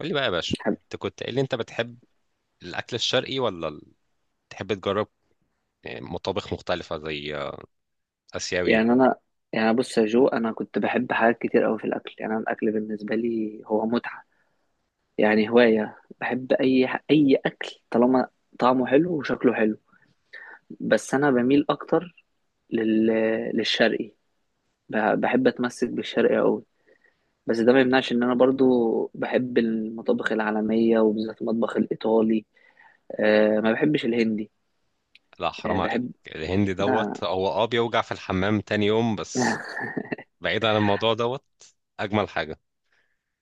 قول لي بقى يا باشا، حب- انت كنت قايل لي انت بتحب الاكل الشرقي ولا تحب تجرب يعني مطابخ مختلفه زي اسيوي. يعني انا يعني بص يا جو، انا كنت بحب حاجات كتير قوي في الاكل. يعني انا الاكل بالنسبه لي هو متعه. يعني هوايه، بحب اي اي اكل طالما طعمه حلو وشكله حلو. بس انا بميل اكتر لل... للشرقي. بحب اتمسك بالشرقي قوي، بس ده ما يمنعش ان انا برضو بحب المطابخ العالميه وبالذات المطبخ الايطالي. أه، ما بحبش الهندي. لا، أه حرام عليك بحب. الهندي لا. دوت. هو بيوجع في الحمام تاني يوم بس. بعيد عن الموضوع دوت، اجمل حاجه.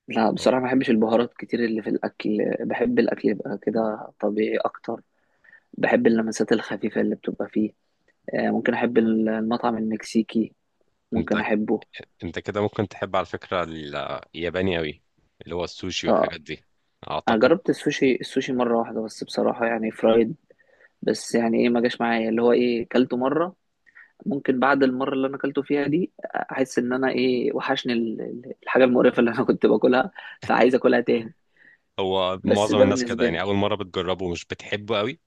لا هو بصراحة ما بحبش البهارات كتير اللي في الأكل. بحب الأكل يبقى كده طبيعي أكتر. بحب اللمسات الخفيفة اللي بتبقى فيه. آه، ممكن أحب المطعم المكسيكي. ممكن انت أحبه. انت كده ممكن تحب على فكره الياباني قوي، اللي هو السوشي آه، والحاجات دي، أنا اعتقد. جربت السوشي، مرة واحدة بس بصراحة يعني فرايد. بس يعني إيه، ما جاش معايا. اللي هو إيه، كلته مرة. ممكن بعد المرة اللي أنا كلته فيها دي أحس إن أنا إيه، وحشني الحاجة المقرفة اللي أنا كنت باكلها. فعايز أكلها تاني. هو بس معظم ده الناس كده، بالنسبة يعني لي. اول مره بتجربه مش بتحبه قوي،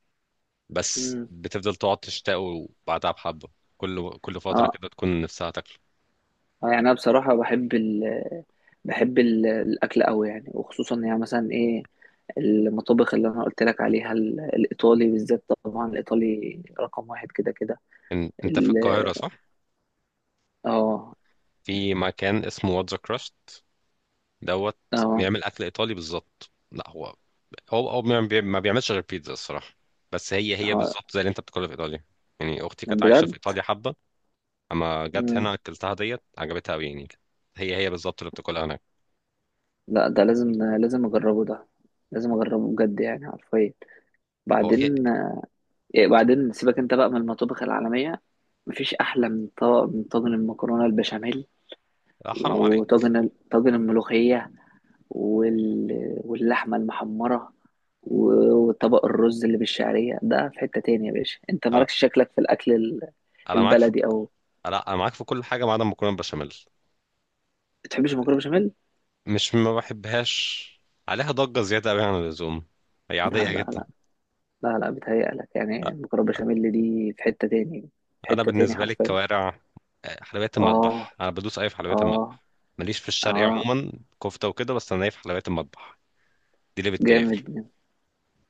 بس مم. بتفضل تقعد تشتاقه بعدها بحبه. كل فتره اه. كده تكون نفسها. اه يعني انا بصراحه بحب ال، بحب الاكل قوي يعني. وخصوصا يعني مثلا ايه، المطابخ اللي انا قلت لك عليها، الايطالي بالذات. طبعا الايطالي رقم واحد كده كده. انت في ال-. القاهرة صح؟ اه. في مكان اسمه واتزا كراست دوت، اه. بيعمل اكل ايطالي بالظبط. لا هو ما بيعملش غير بيتزا الصراحة. بس هي اه. بالظبط زي اللي انت بتاكلها في ايطاليا. يعني اختي كانت عايشة في بجد؟ ايطاليا حبة، اما جت مم. هنا اكلتها ديت عجبتها قوي يعني. هي بالظبط اللي بتاكلها هناك. لا ده لازم. لازم اجربه ده. لازم اجربه بجد يعني حرفيا. هو في، بعدين إيه، بعدين سيبك انت بقى من المطابخ العالميه. مفيش احلى من طاجن، من طاجن المكرونه البشاميل. لا، حرام عليك. وطاجن طاجن الملوخيه. واللحمة المحمرة. وطبق الرز اللي بالشعرية ده في حتة تانية. يا باشا، انت انا مالكش شكلك في الأكل انا معاك في، البلدي أو؟ لا، انا معاك في كل حاجة ما عدا المكرونة بشاميل. بتحبش المكرونة بشاميل؟ مش ما بحبهاش، عليها ضجة زيادة قوي عن اللزوم، هي لا عادية لا جدا. لا لا لا، بتهيألك. يعني المكرونة بشاميل دي في حتة تاني. في انا حتة تاني بالنسبه لي حرفيا. الكوارع، حلويات اه. المطبخ انا بدوس اي في حلويات اه. المطبخ. ماليش في الشرقي اه. عموما، كفته وكده، بس انا ايه في حلويات المطبخ دي اللي بتكيفني. جامد.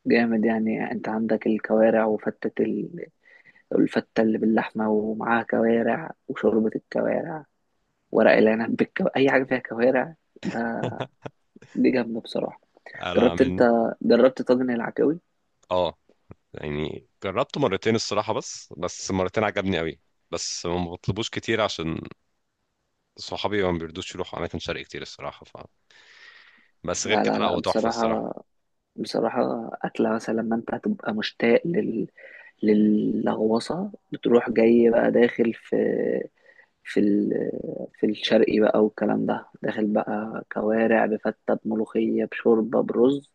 جامد يعني. انت عندك الكوارع وفتة الفتة اللي باللحمة ومعاها كوارع وشوربة الكوارع. ورق العنب بالكو...، أي حاجة فيها كوارع ده. دي جامدة بصراحة. انا جربت من انت، جربت طاجن العكاوي؟ اه يعني جربته مرتين الصراحه، بس مرتين عجبني قوي. بس ما بطلبوش كتير عشان صحابي ما بيرضوش يروحوا اماكن شرقي كتير الصراحه بس غير لا كده لا لا لا هو تحفه الصراحه. بصراحة. بصراحة أكلة مثلا لما انت هتبقى مشتاق للغوصة، بتروح جاي بقى داخل في، في ال... في الشرقي بقى والكلام ده. داخل بقى كوارع بفتة بملوخية بشوربة برز،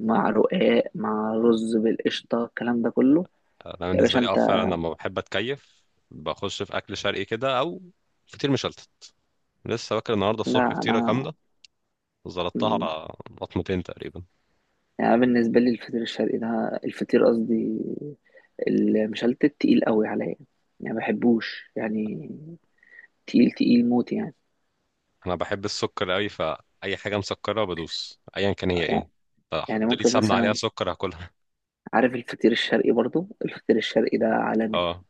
مع رقاق، مع رز بالقشطة، الكلام ده كله. انا يا بالنسبه باشا لي انت. فعلا لما بحب اتكيف بخش في اكل شرقي كده او فطير مشلتت. لسه واكل النهارده الصبح لا فطيره انا. كامله، مم. زلطتها لطمتين تقريبا. يعني أنا بالنسبة لي الفطير الشرقي ده، الفطير قصدي المشلتت، تقيل قوي عليا. يعني ما بحبوش يعني. تقيل تقيل موت يعني. انا بحب السكر قوي، فاي حاجه مسكره بدوس ايا كان هي ايه، يعني. يعني فحط لي ممكن سمنه عليها مثلا، سكر هاكلها. عارف الفطير الشرقي؟ برضو الفطير الشرقي ده عالمي. اه،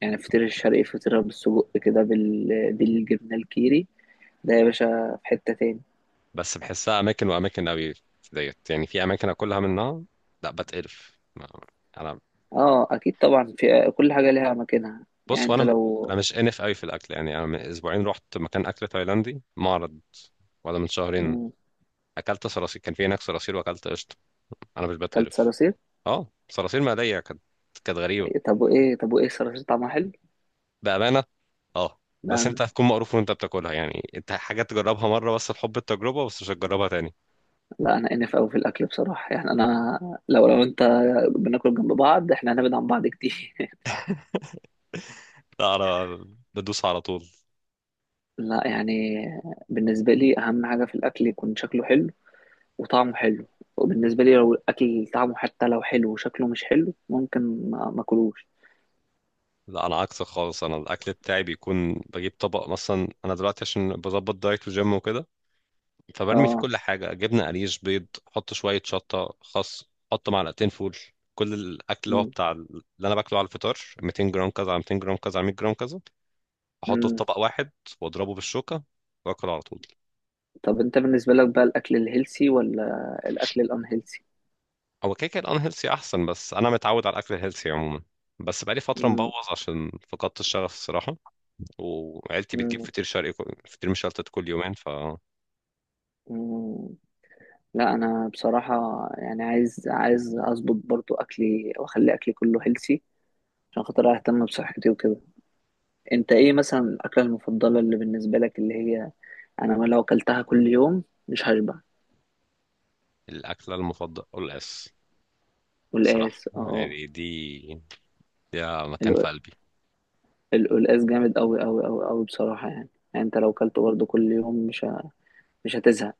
يعني الفطير الشرقي فطيرة بالسجق كده بالجبنة الكيري، ده يا باشا في حتة تاني. بس بحسها اماكن واماكن قوي. في ديت يعني في اماكن اكلها منها لا بتقرف انا اه اكيد طبعا. في كل حاجة ليها مكانها. يعني بص، انت وانا لو. انا مش انف قوي في الاكل. يعني انا من اسبوعين رحت مكان اكل تايلاندي معرض، ولا من شهرين، مم، اكلت صراصير. كان في هناك صراصير واكلت قشطه، انا مش كلت بتقرف. صراصير؟ اه، صراصير مقليه كانت غريبه. إيه، طب وايه، الصراصير طعمها حلو؟ بأمانة. اه، لا بس انت أنا- هتكون مقروف وانت بتاكلها، يعني انت حاجة تجربها مرة بس لحب التجربة، بس مش هتجربها تاني. لا انا انف قوي في الاكل بصراحة. يعني انا لو، انت بناكل جنب بعض، احنا هنبعد عن بعض كتير. لا انا بدوس على طول. لا يعني، بالنسبة لي أهم حاجة في الأكل يكون شكله حلو وطعمه حلو. وبالنسبة لي لو الأكل طعمه حتى لو حلو وشكله مش حلو، ممكن ما أكلوش. لا انا عكسك خالص، انا الاكل بتاعي بيكون بجيب طبق مثلا. انا دلوقتي عشان بظبط دايت وجيم وكده، فبرمي فيه اه. كل حاجة، جبنة قريش بيض، حط شوية شطة خس، حط معلقتين فول، كل الاكل اللي هو مم. بتاع اللي انا باكله على الفطار، 200 جرام كذا على 200 جرام كذا على 100 جرام كذا. احطه في مم. طبق واحد واضربه بالشوكة واكل على طول. طب أنت بالنسبة لك بقى، الأكل الهيلسي ولا الأكل الأنهيلسي؟ هو كده كده الانهيلثي احسن، بس انا متعود على الاكل الهيلثي عموما، بس بقالي فتره مم. مبوظ عشان فقدت الشغف الصراحه، وعيلتي بتجيب مم. فطير شرقي فطير مشلتت كل يومين. فالاكله مم. لا أنا بصراحة يعني، عايز، أظبط برضو أكلي وأخلي أكلي كله هيلسي، عشان خاطر أهتم بصحتي وكده. انت ايه مثلا الاكله المفضله اللي بالنسبه لك، اللي هي انا ما لو اكلتها كل يوم مش هشبع؟ المفضله قلقاس صراحه والقلقاس، اه. يعني، دي مكان في ال- قلبي. القلقاس جامد قوي قوي قوي قوي بصراحه يعني. يعني انت لو اكلته برضه كل يوم مش مش هتزهق.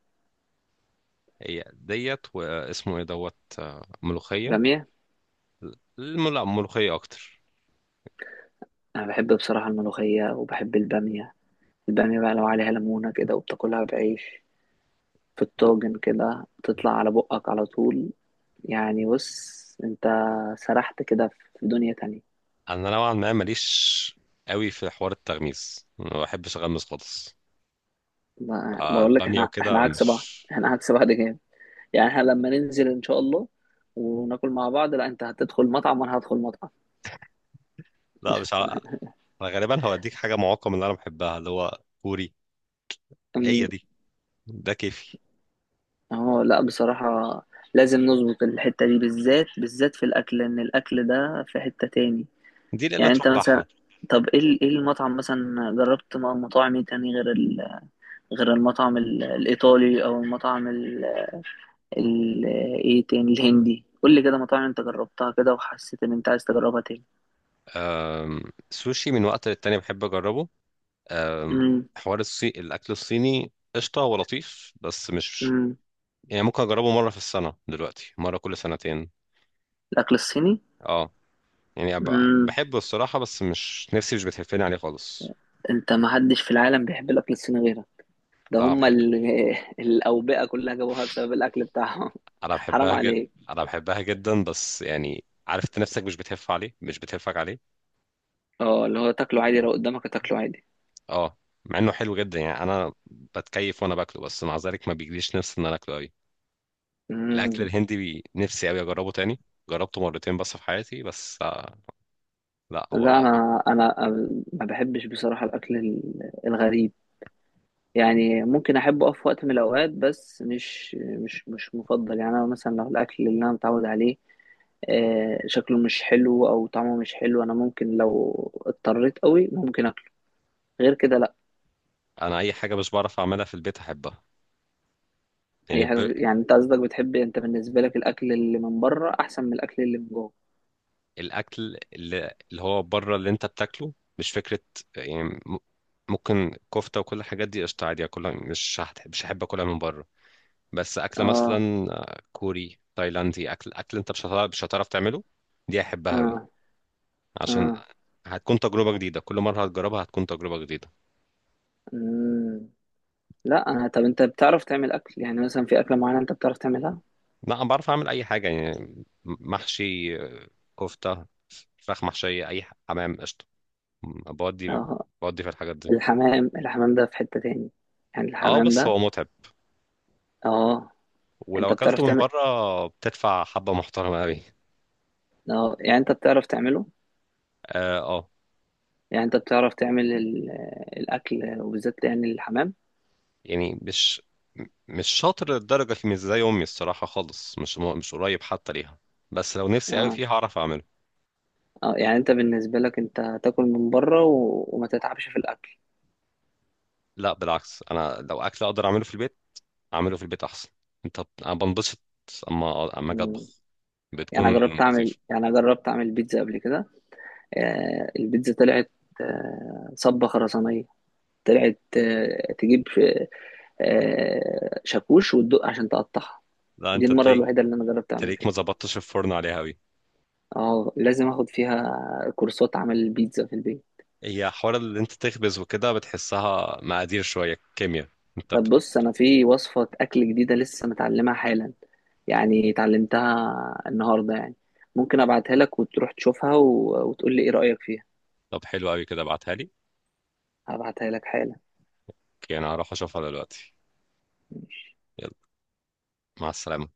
هي ديت واسمه ايه دوت، ملوخيه. باميه. لا ملوخيه اكتر. انا بحب بصراحه الملوخيه وبحب الباميه. الباميه بقى لو عليها ليمونه كده وبتاكلها بعيش في الطاجن كده، تطلع على بقك على طول. يعني بص انت، سرحت كده في دنيا تانية. انا نوعا ما ماليش قوي في حوار التغميس، ما بحبش اغمس خالص. آه، بقول لك، الباميه احنا، وكده عكس بعض. مش. احنا عكس بعض جامد. يعني احنا لما ننزل ان شاء الله وناكل مع بعض، لا انت هتدخل مطعم وانا هدخل مطعم. لا مش عارف، انا غالبا هوديك حاجه معقمه من اللي انا بحبها اللي هو كوري. هي أم، دي، ده كيفي، اهو لا بصراحة، لازم نظبط الحتة دي، بالذات بالذات في الاكل، لان الاكل ده في حتة تاني. دي الا يعني تروح انت مثلا، بحة. طب ايه ايه المطعم مثلا، جربت مطاعم ايه تاني غير غير المطعم الايطالي او المطعم ال...؟ ايه تاني، الهندي؟ قول لي كده مطاعم انت جربتها كده وحسيت ان انت عايز تجربها تاني. أم، سوشي من وقت للتاني بحب اجربه. امم. حوار الاكل الصيني قشطه ولطيف، بس مش. امم. يعني ممكن اجربه مره في السنه، دلوقتي مره كل سنتين. الاكل الصيني. اه، يعني بحبه الصراحه، بس مش نفسي مش بتهفني عليه خالص. انت، ما حدش في العالم بيحب الاكل الصيني غيرك. ده لا، أنا هم بحب. ال... الاوبئه كلها جابوها بسبب الاكل بتاعهم. انا حرام بحبها جدا، عليك. انا بحبها جدا، بس يعني عارف انت نفسك مش بتهف عليه، مش بتهفك عليه. اه، اللي هو تاكله عادي. لو قدامك تاكله عادي. اه، مع انه حلو جدا، يعني انا بتكيف وانا باكله، بس مع ذلك ما بيجيليش نفس ان انا اكله قوي. الاكل امم. الهندي نفسي قوي اجربه تاني. جربته مرتين بس في حياتي، بس آه، لا هو لا رائع. انا انا ما بحبش بصراحه الاكل الغريب. يعني ممكن احبه في وقت من الاوقات، بس مش مفضل. يعني انا مثلا لو الاكل اللي انا متعود عليه، آه، شكله مش حلو او طعمه مش حلو، انا ممكن لو اضطريت قوي ممكن اكله. غير كده لا. انا اي حاجه مش بعرف اعملها في البيت احبها، يعني اي حاجه يعني، انت قصدك بتحب، انت بالنسبه لك الاكل اللي من بره احسن من الاكل اللي من جوه؟ الاكل اللي هو بره اللي انت بتاكله مش فكره. يعني ممكن كفته وكل الحاجات دي قشطه عادي اكلها، مش هحب اكلها من بره. بس اكله اه. مثلا كوري تايلاندي، اكل انت مش هتعرف تعمله. دي احبها اه. قوي عشان اه. هتكون تجربة جديدة، كل مرة هتجربها هتكون تجربة جديدة. مم. لا انا، طب انت بتعرف تعمل اكل؟ يعني مثلا في اكله معينه انت بتعرف تعملها؟ لا أنا بعرف أعمل أي حاجة، يعني محشي، كفتة، فراخ محشية، أي حمام قشطة، بودي اه. بودي في الحاجات دي. الحمام، الحمام ده في حته تاني. يعني اه الحمام بس ده. هو متعب، اه، ولو انت بتعرف أكلته من تعمل؟ بره بتدفع حبة محترمة أوي. اه يعني انت بتعرف تعمله؟ اه آه. يعني انت بتعرف تعمل الاكل وبالذات يعني الحمام؟ يعني مش شاطر للدرجة في، مش زي أمي الصراحة خالص، مش قريب حتى ليها، بس لو نفسي أوي اه. فيها هعرف أعمله. اه يعني انت بالنسبه لك، انت تاكل من بره وما تتعبش في الاكل. لا بالعكس، أنا لو أكل أقدر أعمله في البيت اعمله في البيت احسن. انا بنبسط اما اجي اطبخ مم. يعني بتكون أنا جربت أعمل، لطيفه. بيتزا قبل كده. آه، البيتزا طلعت آه، صبة خرسانية. طلعت آه، تجيب آه، شاكوش وتدق عشان تقطعها. لا دي انت المرة تلاقيك الوحيدة اللي أنا جربت أعمل تلاقيك ما فيها. ظبطتش الفرن عليها قوي. اه، لازم اخد فيها كورسات عمل البيتزا في البيت. هي حوار اللي انت تخبز وكده، بتحسها مقادير شويه كيمياء. انت طب بص، انا في وصفة اكل جديدة لسه متعلمها حالا. يعني اتعلمتها النهاردة يعني. ممكن ابعتها لك وتروح تشوفها وتقول لي ايه رأيك فيها. طب حلو قوي كده ابعتها لي. هبعتها لك حالا. اوكي انا هروح اشوفها دلوقتي. يلا مع السلامه.